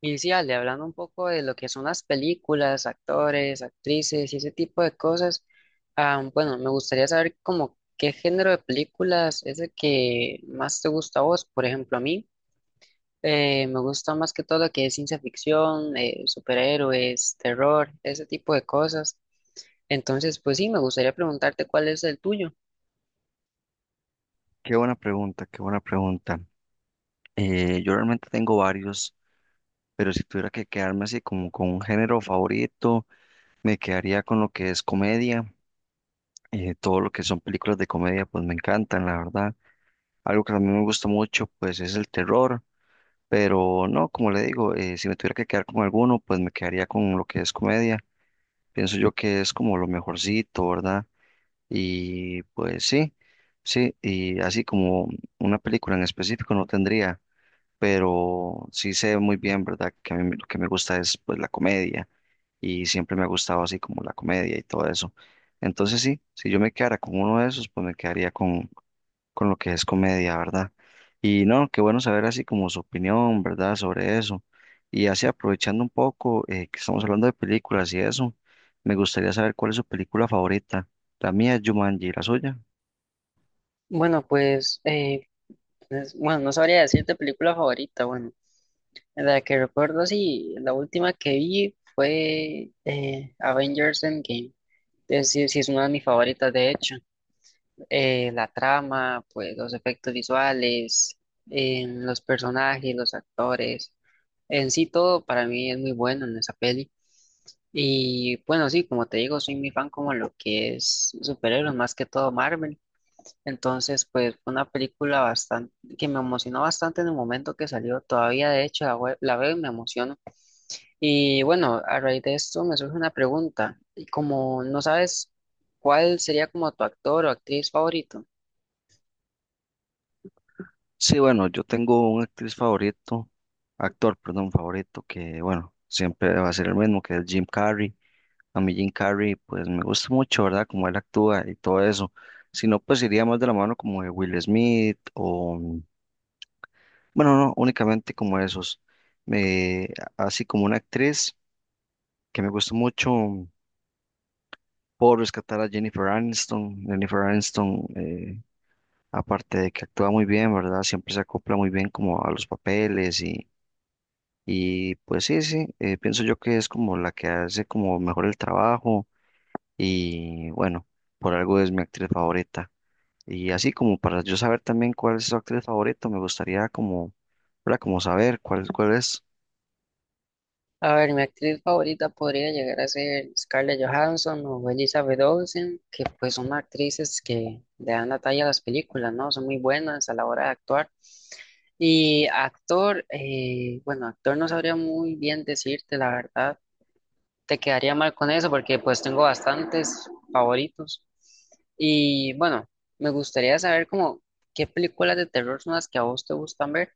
Y sí, Ale, hablando un poco de lo que son las películas, actores, actrices y ese tipo de cosas, bueno, me gustaría saber como qué género de películas es el que más te gusta a vos. Por ejemplo, a mí me gusta más que todo lo que es ciencia ficción, superhéroes, terror, ese tipo de cosas. Entonces, pues sí, me gustaría preguntarte cuál es el tuyo. Qué buena pregunta, qué buena pregunta. Yo realmente tengo varios, pero si tuviera que quedarme así como con un género favorito, me quedaría con lo que es comedia. Todo lo que son películas de comedia, pues me encantan, la verdad. Algo que también me gusta mucho, pues es el terror, pero no, como le digo, si me tuviera que quedar con alguno, pues me quedaría con lo que es comedia. Pienso yo que es como lo mejorcito, ¿verdad? Y pues sí, sí, y así como una película en específico no tendría. Pero sí sé muy bien, ¿verdad? Que a mí lo que me gusta es pues la comedia y siempre me ha gustado así como la comedia y todo eso. Entonces sí, si yo me quedara con uno de esos, pues me quedaría con lo que es comedia, ¿verdad? Y no, qué bueno saber así como su opinión, ¿verdad? Sobre eso. Y así aprovechando un poco que estamos hablando de películas y eso, me gustaría saber cuál es su película favorita. La mía es Jumanji, ¿la suya? Bueno, pues, bueno, no sabría decirte película favorita, bueno. La que recuerdo, sí, la última que vi fue Avengers Endgame. Es, sí, sí, es una de mis favoritas, de hecho. La trama, pues los efectos visuales, los personajes, los actores, en sí todo para mí es muy bueno en esa peli. Y bueno, sí, como te digo, soy muy fan como lo que es superhéroes, más que todo Marvel. Entonces, pues fue una película bastante que me emocionó bastante en el momento que salió. Todavía, de hecho, la, la veo y me emociono. Y bueno, a raíz de esto me surge una pregunta. Y como no sabes cuál sería como tu actor o actriz favorito. Sí, bueno, yo tengo un actriz favorito, actor, perdón, favorito, que bueno, siempre va a ser el mismo, que es Jim Carrey. A mí Jim Carrey, pues me gusta mucho, ¿verdad? Como él actúa y todo eso. Si no, pues iría más de la mano como de Will Smith o, bueno, no, únicamente como esos. Me, así como una actriz que me gusta mucho, por rescatar a Jennifer Aniston. Jennifer Aniston, aparte de que actúa muy bien, ¿verdad? Siempre se acopla muy bien como a los papeles. Y pues sí, sí, pienso yo que es como la que hace como mejor el trabajo y bueno, por algo es mi actriz favorita. Y así como para yo saber también cuál es su actriz favorita, me gustaría como, ¿verdad? Como saber cuál, cuál es. A ver, mi actriz favorita podría llegar a ser Scarlett Johansson o Elizabeth Olsen, que pues son actrices que le dan la talla a las películas, ¿no? Son muy buenas a la hora de actuar. Y actor, bueno, actor no sabría muy bien decirte la verdad. Te quedaría mal con eso porque pues tengo bastantes favoritos. Y bueno, me gustaría saber como qué películas de terror son las que a vos te gustan ver.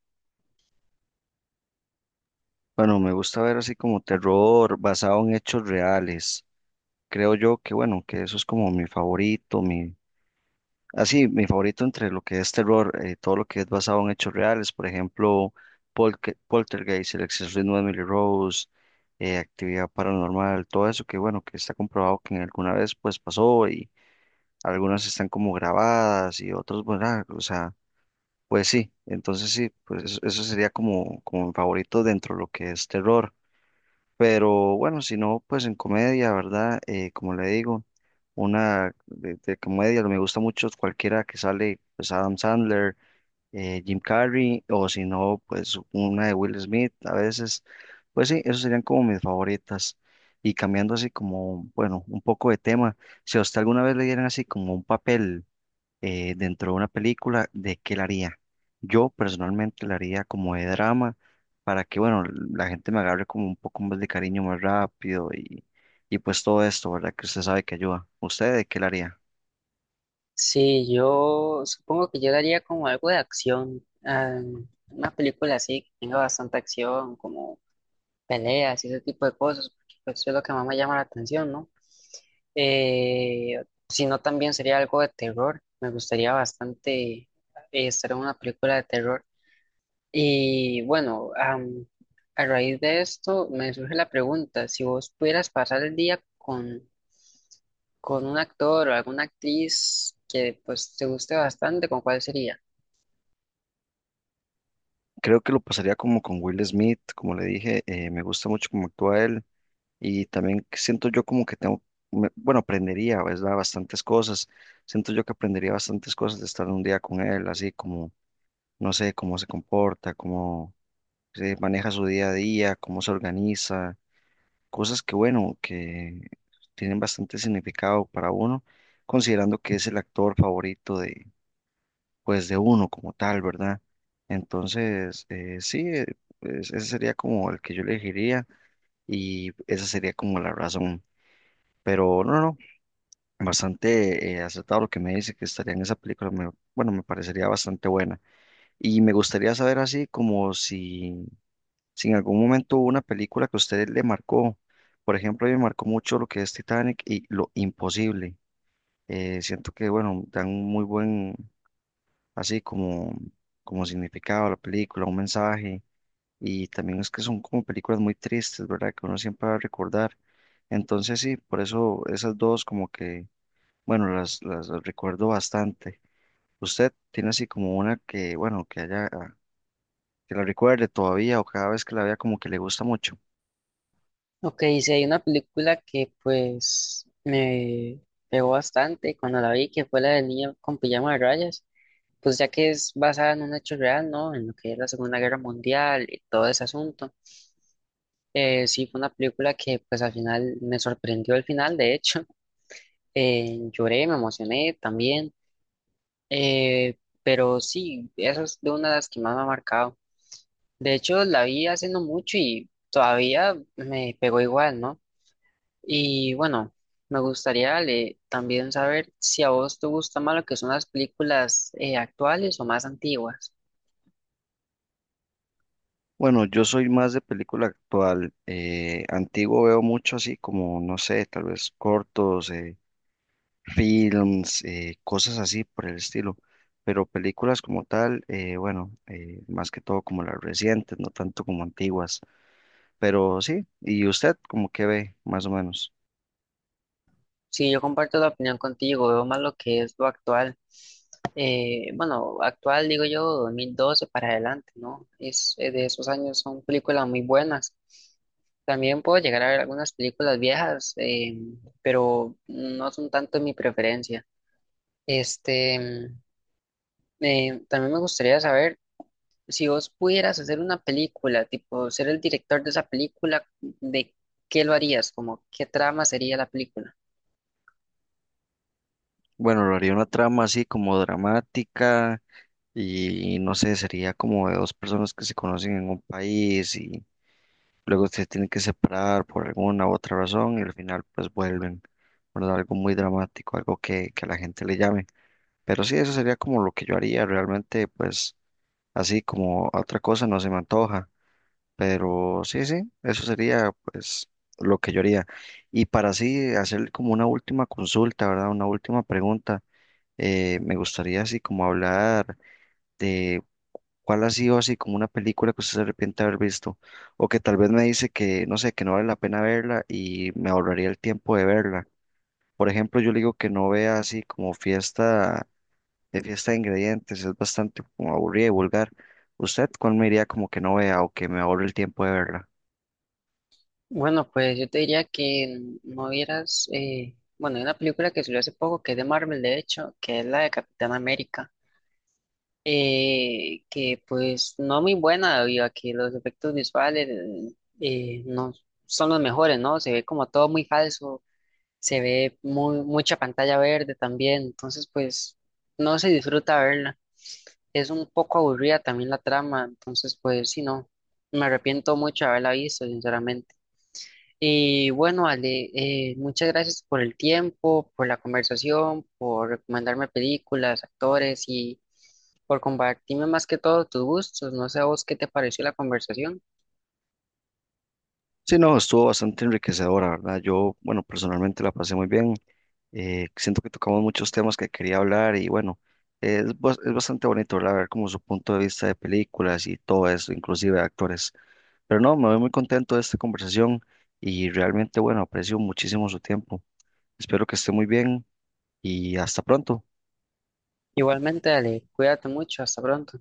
Bueno, me gusta ver así como terror basado en hechos reales. Creo yo que bueno, que eso es como mi favorito, mi. Así, mi favorito entre lo que es terror, todo lo que es basado en hechos reales, por ejemplo, Poltergeist, El exorcismo de Emily Rose, Actividad Paranormal, todo eso que bueno, que está comprobado que en alguna vez pues pasó y algunas están como grabadas y otros, bueno, ah, o sea, pues sí, entonces sí, pues eso sería como, como mi favorito dentro de lo que es terror. Pero bueno, si no, pues en comedia, ¿verdad? Como le digo, una de comedia, me gusta mucho cualquiera que sale, pues Adam Sandler, Jim Carrey, o si no, pues una de Will Smith, a veces, pues sí, esos serían como mis favoritas. Y cambiando así como, bueno, un poco de tema, si a usted alguna vez le dieran así como un papel dentro de una película, ¿de qué la haría? Yo personalmente la haría como de drama para que, bueno, la gente me agarre como un poco más de cariño más rápido y pues todo esto, ¿verdad? Que usted sabe que ayuda. ¿Usted de qué la haría? Sí, yo supongo que yo daría como algo de acción, ah, una película así que tenga bastante acción, como peleas y ese tipo de cosas, porque pues, eso es lo que más me llama la atención, ¿no? Eh, si no, también sería algo de terror. Me gustaría bastante eh, estar en una película de terror. Y bueno, a raíz de esto me surge la pregunta, si vos pudieras pasar el día con un actor o alguna actriz que pues te guste bastante, ¿con cuál sería? Creo que lo pasaría como con Will Smith, como le dije, me gusta mucho cómo actúa él y también siento yo como que tengo, bueno, aprendería, ¿verdad? Bastantes cosas. Siento yo que aprendería bastantes cosas de estar un día con él, así como, no sé, cómo se comporta, cómo maneja su día a día, cómo se organiza, cosas que, bueno, que tienen bastante significado para uno, considerando que es el actor favorito de, pues, de uno como tal, ¿verdad? Entonces, sí, ese sería como el que yo elegiría y esa sería como la razón. Pero no, no, bastante acertado lo que me dice que estaría en esa película, bueno, me parecería bastante buena. Y me gustaría saber así como si. Si en algún momento hubo una película que a usted le marcó, por ejemplo, a mí me marcó mucho lo que es Titanic y Lo Imposible. Siento que, bueno, dan un muy buen, así como, como significado a la película, un mensaje. Y también es que son como películas muy tristes, ¿verdad? Que uno siempre va a recordar. Entonces, sí, por eso esas dos como que, bueno, las recuerdo bastante. ¿Usted tiene así como una que, bueno, que haya, que la recuerde todavía o cada vez que la vea como que le gusta mucho? Ok, si hay una película que pues me pegó bastante cuando la vi, que fue la del niño con pijama de rayas, pues ya que es basada en un hecho real, ¿no? En lo que es la Segunda Guerra Mundial y todo ese asunto. Sí, fue una película que pues al final me sorprendió el final, de hecho. Lloré, me emocioné también, pero sí, esa es de una de las que más me ha marcado. De hecho, la vi hace no mucho y todavía me pegó igual, ¿no? Y bueno, me gustaría, Ale, también saber si a vos te gusta más lo que son las películas actuales o más antiguas. Bueno, yo soy más de película actual. Antiguo veo mucho así como, no sé, tal vez cortos, films, cosas así por el estilo. Pero películas como tal, bueno, más que todo como las recientes, no tanto como antiguas. Pero sí, ¿y usted como que ve, más o menos? Sí, yo comparto la opinión contigo, veo más lo que es lo actual. Bueno, actual digo yo, 2012 para adelante, ¿no? Es, de esos años son películas muy buenas. También puedo llegar a ver algunas películas viejas, pero no son tanto mi preferencia. Este, mm, también me gustaría saber si vos pudieras hacer una película, tipo ser el director de esa película, ¿de qué lo harías? Como, ¿qué trama sería la película? Bueno, lo haría una trama así como dramática y no sé, sería como de dos personas que se conocen en un país y luego se tienen que separar por alguna u otra razón y al final pues vuelven, ¿verdad? Algo muy dramático, algo que a la gente le llame. Pero sí, eso sería como lo que yo haría realmente, pues así como otra cosa no se me antoja. Pero sí, sí, eso sería pues lo que yo haría. Y para así hacer como una última consulta, ¿verdad? Una última pregunta. Me gustaría así como hablar de. ¿Cuál ha sido así como una película que usted se arrepiente de haber visto? O que tal vez me dice que, no sé, que no vale la pena verla y me ahorraría el tiempo de verla. Por ejemplo, yo le digo que no vea así como fiesta de ingredientes, es bastante como aburrida y vulgar. ¿Usted cuál me diría como que no vea o que me ahorre el tiempo de verla? Bueno, pues yo te diría que no vieras, bueno, hay una película que salió hace poco que es de Marvel, de hecho, que es la de Capitán América, que pues no muy buena debido a que los efectos visuales no son los mejores, ¿no? Se ve como todo muy falso, se ve muy, mucha pantalla verde también, entonces pues no se disfruta verla. Es un poco aburrida también la trama, entonces pues sí, no, me arrepiento mucho de haberla visto, sinceramente. Y bueno, Ale, muchas gracias por el tiempo, por la conversación, por recomendarme películas, actores y por compartirme más que todo tus gustos. No sé a vos qué te pareció la conversación. Sí, no, estuvo bastante enriquecedora, ¿verdad? Yo, bueno, personalmente la pasé muy bien. Siento que tocamos muchos temas que quería hablar y bueno, es, es bastante bonito, ¿verdad? Ver como su punto de vista de películas y todo eso, inclusive de actores. Pero no, me voy muy contento de esta conversación y realmente, bueno, aprecio muchísimo su tiempo. Espero que esté muy bien y hasta pronto. Igualmente, Ale, cuídate mucho, hasta pronto.